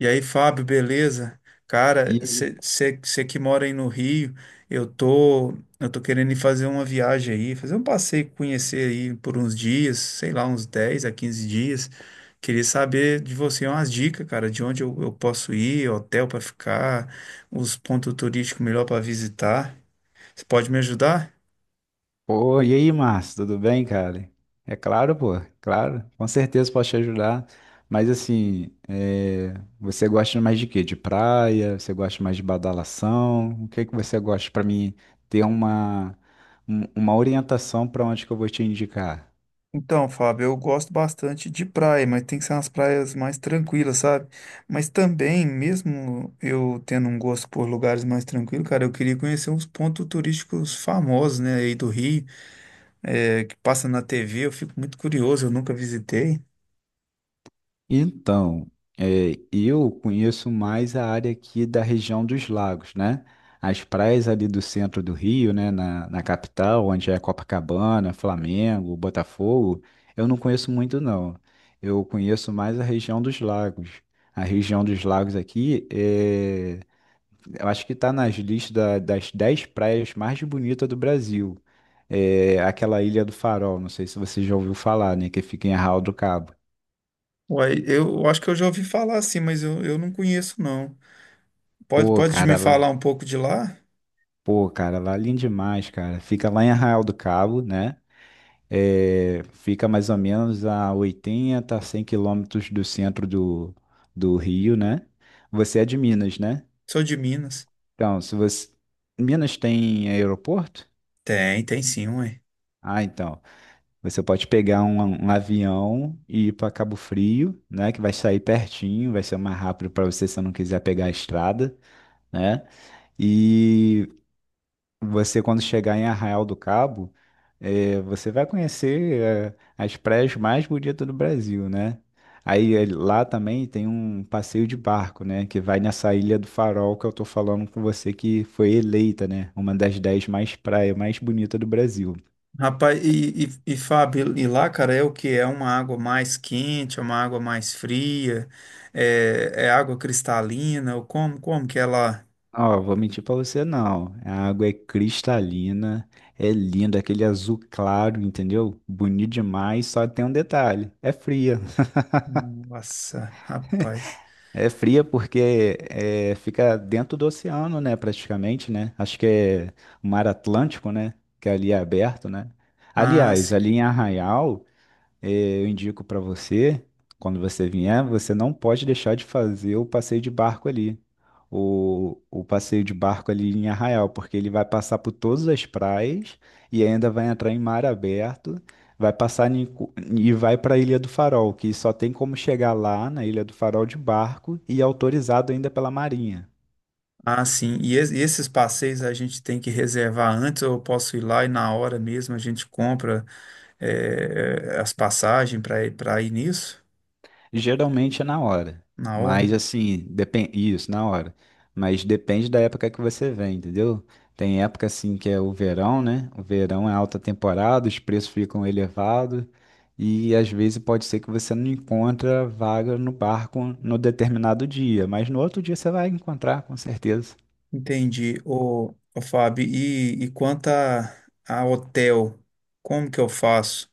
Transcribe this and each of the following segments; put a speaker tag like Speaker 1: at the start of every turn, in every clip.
Speaker 1: E aí, Fábio, beleza?
Speaker 2: E
Speaker 1: Cara,
Speaker 2: aí?
Speaker 1: você que mora aí no Rio, eu tô, eu tô querendo ir fazer uma viagem aí, fazer um passeio, conhecer aí por uns dias, sei lá, uns 10 a 15 dias. Queria saber de você umas dicas, cara, de onde eu posso ir, hotel para ficar, os pontos turísticos melhor para visitar. Você pode me ajudar?
Speaker 2: Pô, e aí, Márcio, tudo bem, cara? É claro, pô, é claro, com certeza posso te ajudar. Mas assim, você gosta mais de quê? De praia? Você gosta mais de badalação? O que que você gosta para mim ter uma orientação para onde que eu vou te indicar?
Speaker 1: Então, Fábio, eu gosto bastante de praia, mas tem que ser umas praias mais tranquilas, sabe? Mas também, mesmo eu tendo um gosto por lugares mais tranquilos, cara, eu queria conhecer uns pontos turísticos famosos, né, aí do Rio, que passa na TV, eu fico muito curioso, eu nunca visitei.
Speaker 2: Então, eu conheço mais a área aqui da região dos lagos, né? As praias ali do centro do Rio, né? Na capital, onde é Copacabana, Flamengo, Botafogo, eu não conheço muito, não. Eu conheço mais a região dos lagos. A região dos lagos aqui, eu acho que está nas listas das 10 praias mais bonitas do Brasil. É, aquela Ilha do Farol, não sei se você já ouviu falar, né? Que fica em Arraial do Cabo.
Speaker 1: Uai, eu acho que eu já ouvi falar assim, mas eu não conheço, não.
Speaker 2: Pô,
Speaker 1: Pode me
Speaker 2: cara, lá.
Speaker 1: falar um pouco de lá?
Speaker 2: Pô, cara, lá é lindo demais, cara. Fica lá em Arraial do Cabo, né? É, fica mais ou menos a 80, 100 quilômetros do centro do Rio, né? Você é de Minas, né?
Speaker 1: Sou de Minas.
Speaker 2: Então, se você... Minas tem aeroporto?
Speaker 1: Tem, tem sim, ué.
Speaker 2: Ah, então. Você pode pegar um avião e ir para Cabo Frio, né? Que vai sair pertinho, vai ser mais rápido para você se você não quiser pegar a estrada, né? E Você, quando chegar em Arraial do Cabo, você vai conhecer as praias mais bonitas do Brasil, né? Aí lá também tem um passeio de barco, né? Que vai nessa Ilha do Farol que eu tô falando com você, que foi eleita, né? Uma das 10 mais praias mais bonitas do Brasil.
Speaker 1: Rapaz, e Fábio, e lá, cara, é o que? É uma água mais quente, é uma água mais fria, é água cristalina, ou como que é lá?
Speaker 2: Ó, vou mentir pra você não. A água é cristalina, é linda, aquele azul claro, entendeu? Bonito demais, só tem um detalhe, é fria.
Speaker 1: Nossa, rapaz.
Speaker 2: É fria porque fica dentro do oceano, né? Praticamente, né? Acho que é o Mar Atlântico, né? Que ali é aberto, né?
Speaker 1: Ah,
Speaker 2: Aliás,
Speaker 1: sim.
Speaker 2: ali em Arraial, eu indico para você, quando você vier, você não pode deixar de fazer o passeio de barco ali. O passeio de barco ali em Arraial, porque ele vai passar por todas as praias e ainda vai entrar em mar aberto, vai passar e vai para a Ilha do Farol, que só tem como chegar lá na Ilha do Farol de barco e é autorizado ainda pela Marinha.
Speaker 1: Ah, sim. E, e esses passeios a gente tem que reservar antes, ou eu posso ir lá e na hora mesmo a gente compra as passagens para para ir nisso?
Speaker 2: Geralmente é na hora,
Speaker 1: Na hora?
Speaker 2: mas assim, depende isso, na hora. Mas depende da época que você vem, entendeu? Tem época assim que é o verão, né? O verão é alta temporada, os preços ficam elevados e às vezes pode ser que você não encontra vaga no barco no determinado dia, mas no outro dia você vai encontrar com certeza.
Speaker 1: Entendi. Ô Fábio, e quanto a hotel, como que eu faço?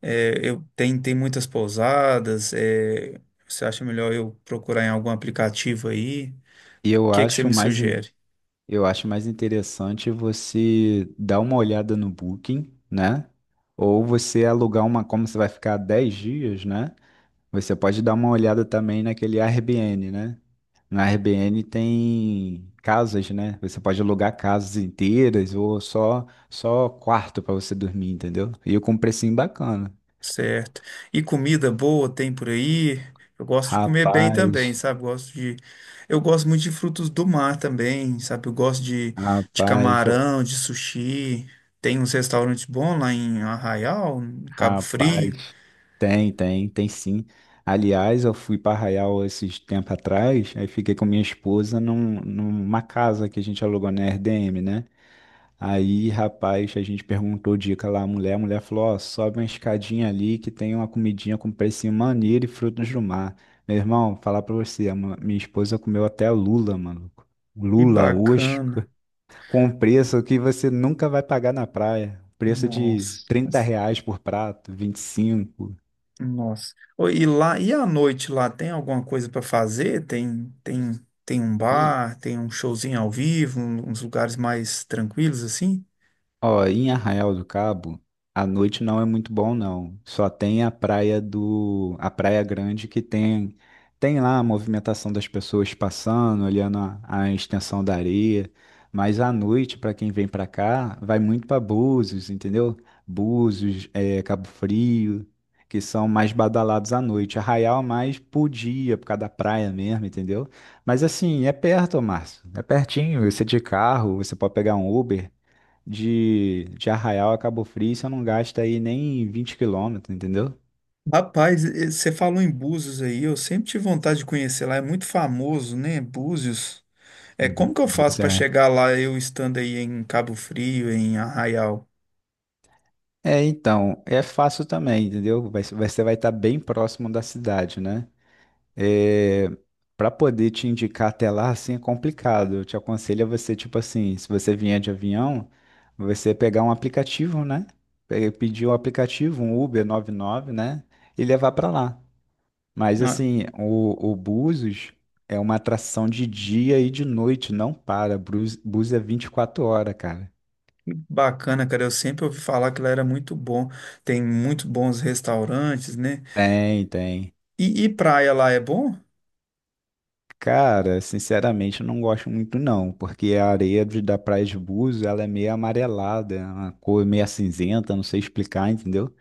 Speaker 1: É, tem muitas pousadas. Você acha melhor eu procurar em algum aplicativo aí? O
Speaker 2: E eu
Speaker 1: que é que você
Speaker 2: acho
Speaker 1: me
Speaker 2: mais, in-
Speaker 1: sugere?
Speaker 2: eu acho mais interessante você dar uma olhada no Booking, né? Ou você alugar uma, como você vai ficar 10 dias, né? Você pode dar uma olhada também naquele Airbnb, né? No Airbnb tem casas, né? Você pode alugar casas inteiras ou só quarto para você dormir, entendeu? E com um precinho bacana.
Speaker 1: Certo. E comida boa tem por aí? Eu gosto de comer bem também,
Speaker 2: Rapaz,
Speaker 1: sabe? Eu gosto muito de frutos do mar também, sabe? De
Speaker 2: rapaz, eu-
Speaker 1: camarão, de sushi. Tem uns restaurantes bons lá em Arraial, em Cabo Frio.
Speaker 2: rapaz. Tem sim. Aliás, eu fui para Arraial esses tempo atrás, aí fiquei com minha esposa numa casa que a gente alugou na Airbnb, né? Aí, rapaz, a gente perguntou dica lá à mulher. A mulher falou: Ó, sobe uma escadinha ali que tem uma comidinha com precinho maneiro e frutos do mar. Meu irmão, falar pra você, minha esposa comeu até lula, maluco.
Speaker 1: Que
Speaker 2: Lula, oxe,
Speaker 1: bacana.
Speaker 2: com preço que você nunca vai pagar na praia. Preço de 30
Speaker 1: Nossa.
Speaker 2: reais por prato, 25.
Speaker 1: Nossa. Ô, e lá, e à noite lá tem alguma coisa para fazer? Tem um bar, tem um showzinho ao vivo, uns lugares mais tranquilos assim?
Speaker 2: Ó, em Arraial do Cabo, a noite não é muito bom, não. Só tem a a Praia Grande que tem lá a movimentação das pessoas passando, olhando a extensão da areia. Mas à noite, para quem vem para cá, vai muito para Búzios, entendeu? Búzios, Cabo Frio, que são mais badalados à noite. Arraial é mais por dia, por causa da praia mesmo, entendeu? Mas assim, é perto, Márcio. É pertinho. Você de carro, você pode pegar um Uber de Arraial a Cabo Frio, você não gasta aí nem 20 quilômetros, entendeu?
Speaker 1: Rapaz, você falou em Búzios aí, eu sempre tive vontade de conhecer lá, é muito famoso, né? Búzios. É, como
Speaker 2: Bu-
Speaker 1: que eu faço
Speaker 2: Bus
Speaker 1: para
Speaker 2: é.
Speaker 1: chegar lá eu estando aí em Cabo Frio, em Arraial?
Speaker 2: É, então, é fácil também, entendeu? Você vai estar bem próximo da cidade, né? É, Para poder te indicar até lá, assim, é complicado. Eu te aconselho a você, tipo assim, se você vier de avião, você pegar um aplicativo, né? Pedir um aplicativo, um Uber 99, né? E levar para lá. Mas
Speaker 1: Ah,
Speaker 2: assim, o Búzios é uma atração de dia e de noite, não para. Búzios, Búzios é 24 horas, cara.
Speaker 1: bacana, cara, eu sempre ouvi falar que lá era muito bom. Tem muito bons restaurantes, né?
Speaker 2: Tem, tem.
Speaker 1: E praia lá é bom?
Speaker 2: Cara, sinceramente, eu não gosto muito não, porque a areia da Praia de Búzios, ela é meio amarelada, é uma cor meio cinzenta, não sei explicar, entendeu?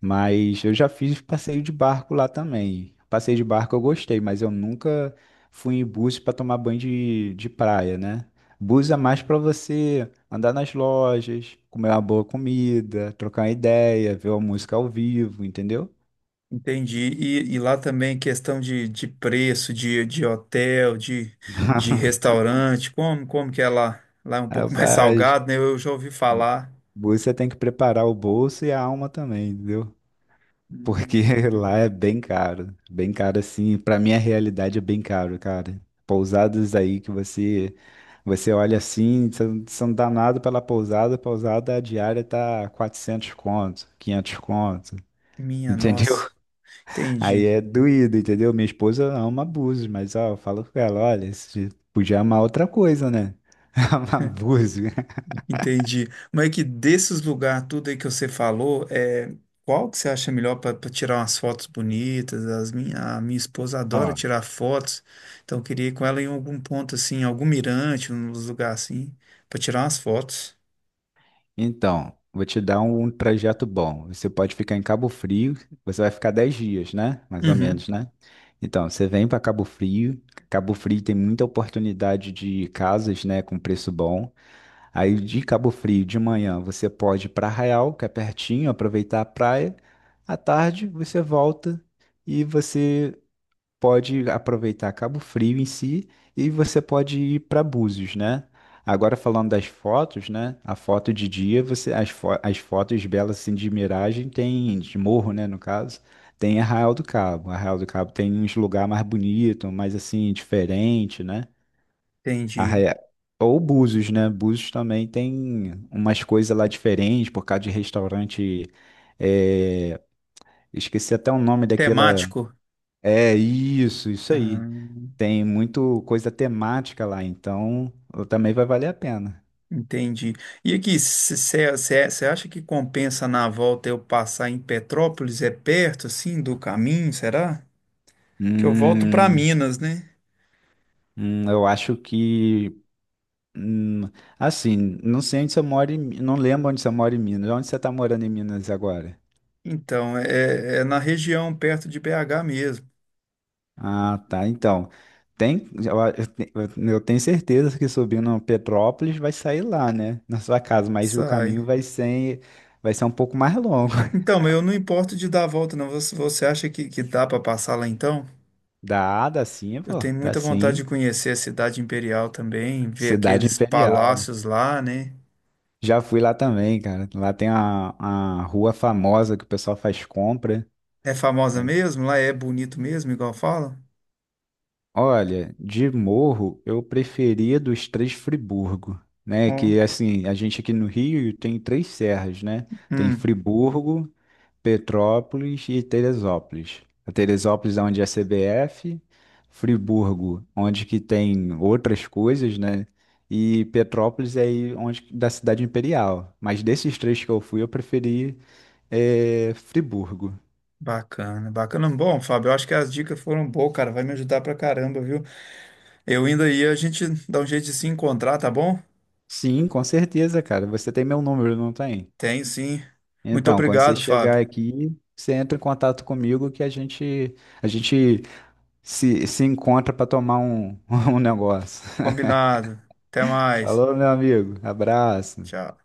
Speaker 2: Mas eu já fiz passeio de barco lá também. Passeio de barco eu gostei, mas eu nunca fui em búzios para tomar banho de praia, né? Búzios é mais para você andar nas lojas, comer uma boa comida, trocar uma ideia, ver uma música ao vivo, entendeu?
Speaker 1: Entendi. E lá também questão de preço, de hotel, de restaurante, como que é lá? Lá é um pouco mais
Speaker 2: Rapaz,
Speaker 1: salgado, né? Eu já ouvi
Speaker 2: bu-
Speaker 1: falar.
Speaker 2: búzios você tem que preparar o bolso e a alma também, entendeu? Porque
Speaker 1: Hum,
Speaker 2: lá é bem caro assim, pra minha realidade é bem caro, cara. Pousadas aí que você olha assim, você dá nada pela pousada, a pousada diária tá 400 conto, 500 conto,
Speaker 1: Minha
Speaker 2: entendeu?
Speaker 1: nossa,
Speaker 2: Aí
Speaker 1: entendi.
Speaker 2: é doído, entendeu? Minha esposa ama abusos, mas ó, eu falo com ela, olha, você podia amar outra coisa, né? Amar abuso.
Speaker 1: Entendi. Mas é que desses lugares, tudo aí que você falou, é, qual que você acha melhor para tirar umas fotos bonitas? A minha esposa adora tirar fotos, então eu queria ir com ela em algum ponto assim, algum mirante, uns lugar assim, para tirar umas fotos.
Speaker 2: Então, vou te dar um trajeto bom. Você pode ficar em Cabo Frio, você vai ficar 10 dias, né? Mais ou
Speaker 1: Uhum.
Speaker 2: menos, né? Então, você vem para Cabo Frio. Cabo Frio tem muita oportunidade de casas, né, com preço bom. Aí de Cabo Frio, de manhã, você pode ir para Arraial, que é pertinho, aproveitar a praia. À tarde, você volta e você pode aproveitar Cabo Frio em si e você pode ir para Búzios, né? Agora falando das fotos, né? A foto de dia, você as fotos belas assim de miragem tem de morro, né, no caso, tem Arraial do Cabo. Arraial do Cabo tem uns lugar mais bonito, mais assim diferente, né?
Speaker 1: Entendi.
Speaker 2: Arraia- Ou Búzios, né? Búzios também tem umas coisas lá diferentes por causa de restaurante, é, esqueci até o nome daquela.
Speaker 1: Temático?
Speaker 2: É isso, isso aí.
Speaker 1: Hum,
Speaker 2: Tem muito coisa temática lá, então também vai valer a pena.
Speaker 1: entendi. E aqui, você acha que compensa na volta eu passar em Petrópolis? É perto, assim, do caminho, será? Que eu volto para
Speaker 2: Hum,
Speaker 1: Minas, né?
Speaker 2: eu acho que. hum, assim, não sei onde você mora não lembro onde você mora em Minas. Onde você está morando em Minas agora?
Speaker 1: Então, é, é na região perto de BH mesmo.
Speaker 2: Ah, tá. Então, tem, eu, a- eu te- eu tenho certeza que subindo Petrópolis vai sair lá, né? Na sua casa, mas o caminho
Speaker 1: Sai.
Speaker 2: vai ser um pouco mais longo.
Speaker 1: Então, mas eu não importo de dar a volta, não. Você acha que dá para passar lá então?
Speaker 2: Dá, dá sim,
Speaker 1: Eu
Speaker 2: pô.
Speaker 1: tenho
Speaker 2: Dá
Speaker 1: muita vontade de
Speaker 2: sim.
Speaker 1: conhecer a cidade imperial também, ver
Speaker 2: Cidade
Speaker 1: aqueles
Speaker 2: Imperial.
Speaker 1: palácios lá, né?
Speaker 2: Já fui lá também, cara. Lá tem a rua famosa que o pessoal faz compra.
Speaker 1: É famosa mesmo? Lá é bonito mesmo, igual fala?
Speaker 2: Olha, de morro eu preferia dos três Friburgo, né?
Speaker 1: Ó,
Speaker 2: Que assim, a gente aqui no Rio tem três serras, né? Tem
Speaker 1: hum,
Speaker 2: Friburgo, Petrópolis e Teresópolis. A Teresópolis é onde é a CBF, Friburgo, onde que tem outras coisas, né? E Petrópolis é aí onde da cidade imperial. Mas desses três que eu fui, eu preferi Friburgo.
Speaker 1: bacana, bacana. Bom, Fábio, eu acho que as dicas foram boas, cara. Vai me ajudar pra caramba, viu? Eu indo aí, a gente dá um jeito de se encontrar, tá bom?
Speaker 2: Sim, com certeza, cara. Você tem meu número, não tem?
Speaker 1: Tem sim. Muito
Speaker 2: Então, quando você
Speaker 1: obrigado, Fábio.
Speaker 2: chegar aqui, você entra em contato comigo que a gente se encontra para tomar um, um negócio.
Speaker 1: Combinado. Até mais.
Speaker 2: Falou, meu amigo. Abraço.
Speaker 1: Tchau.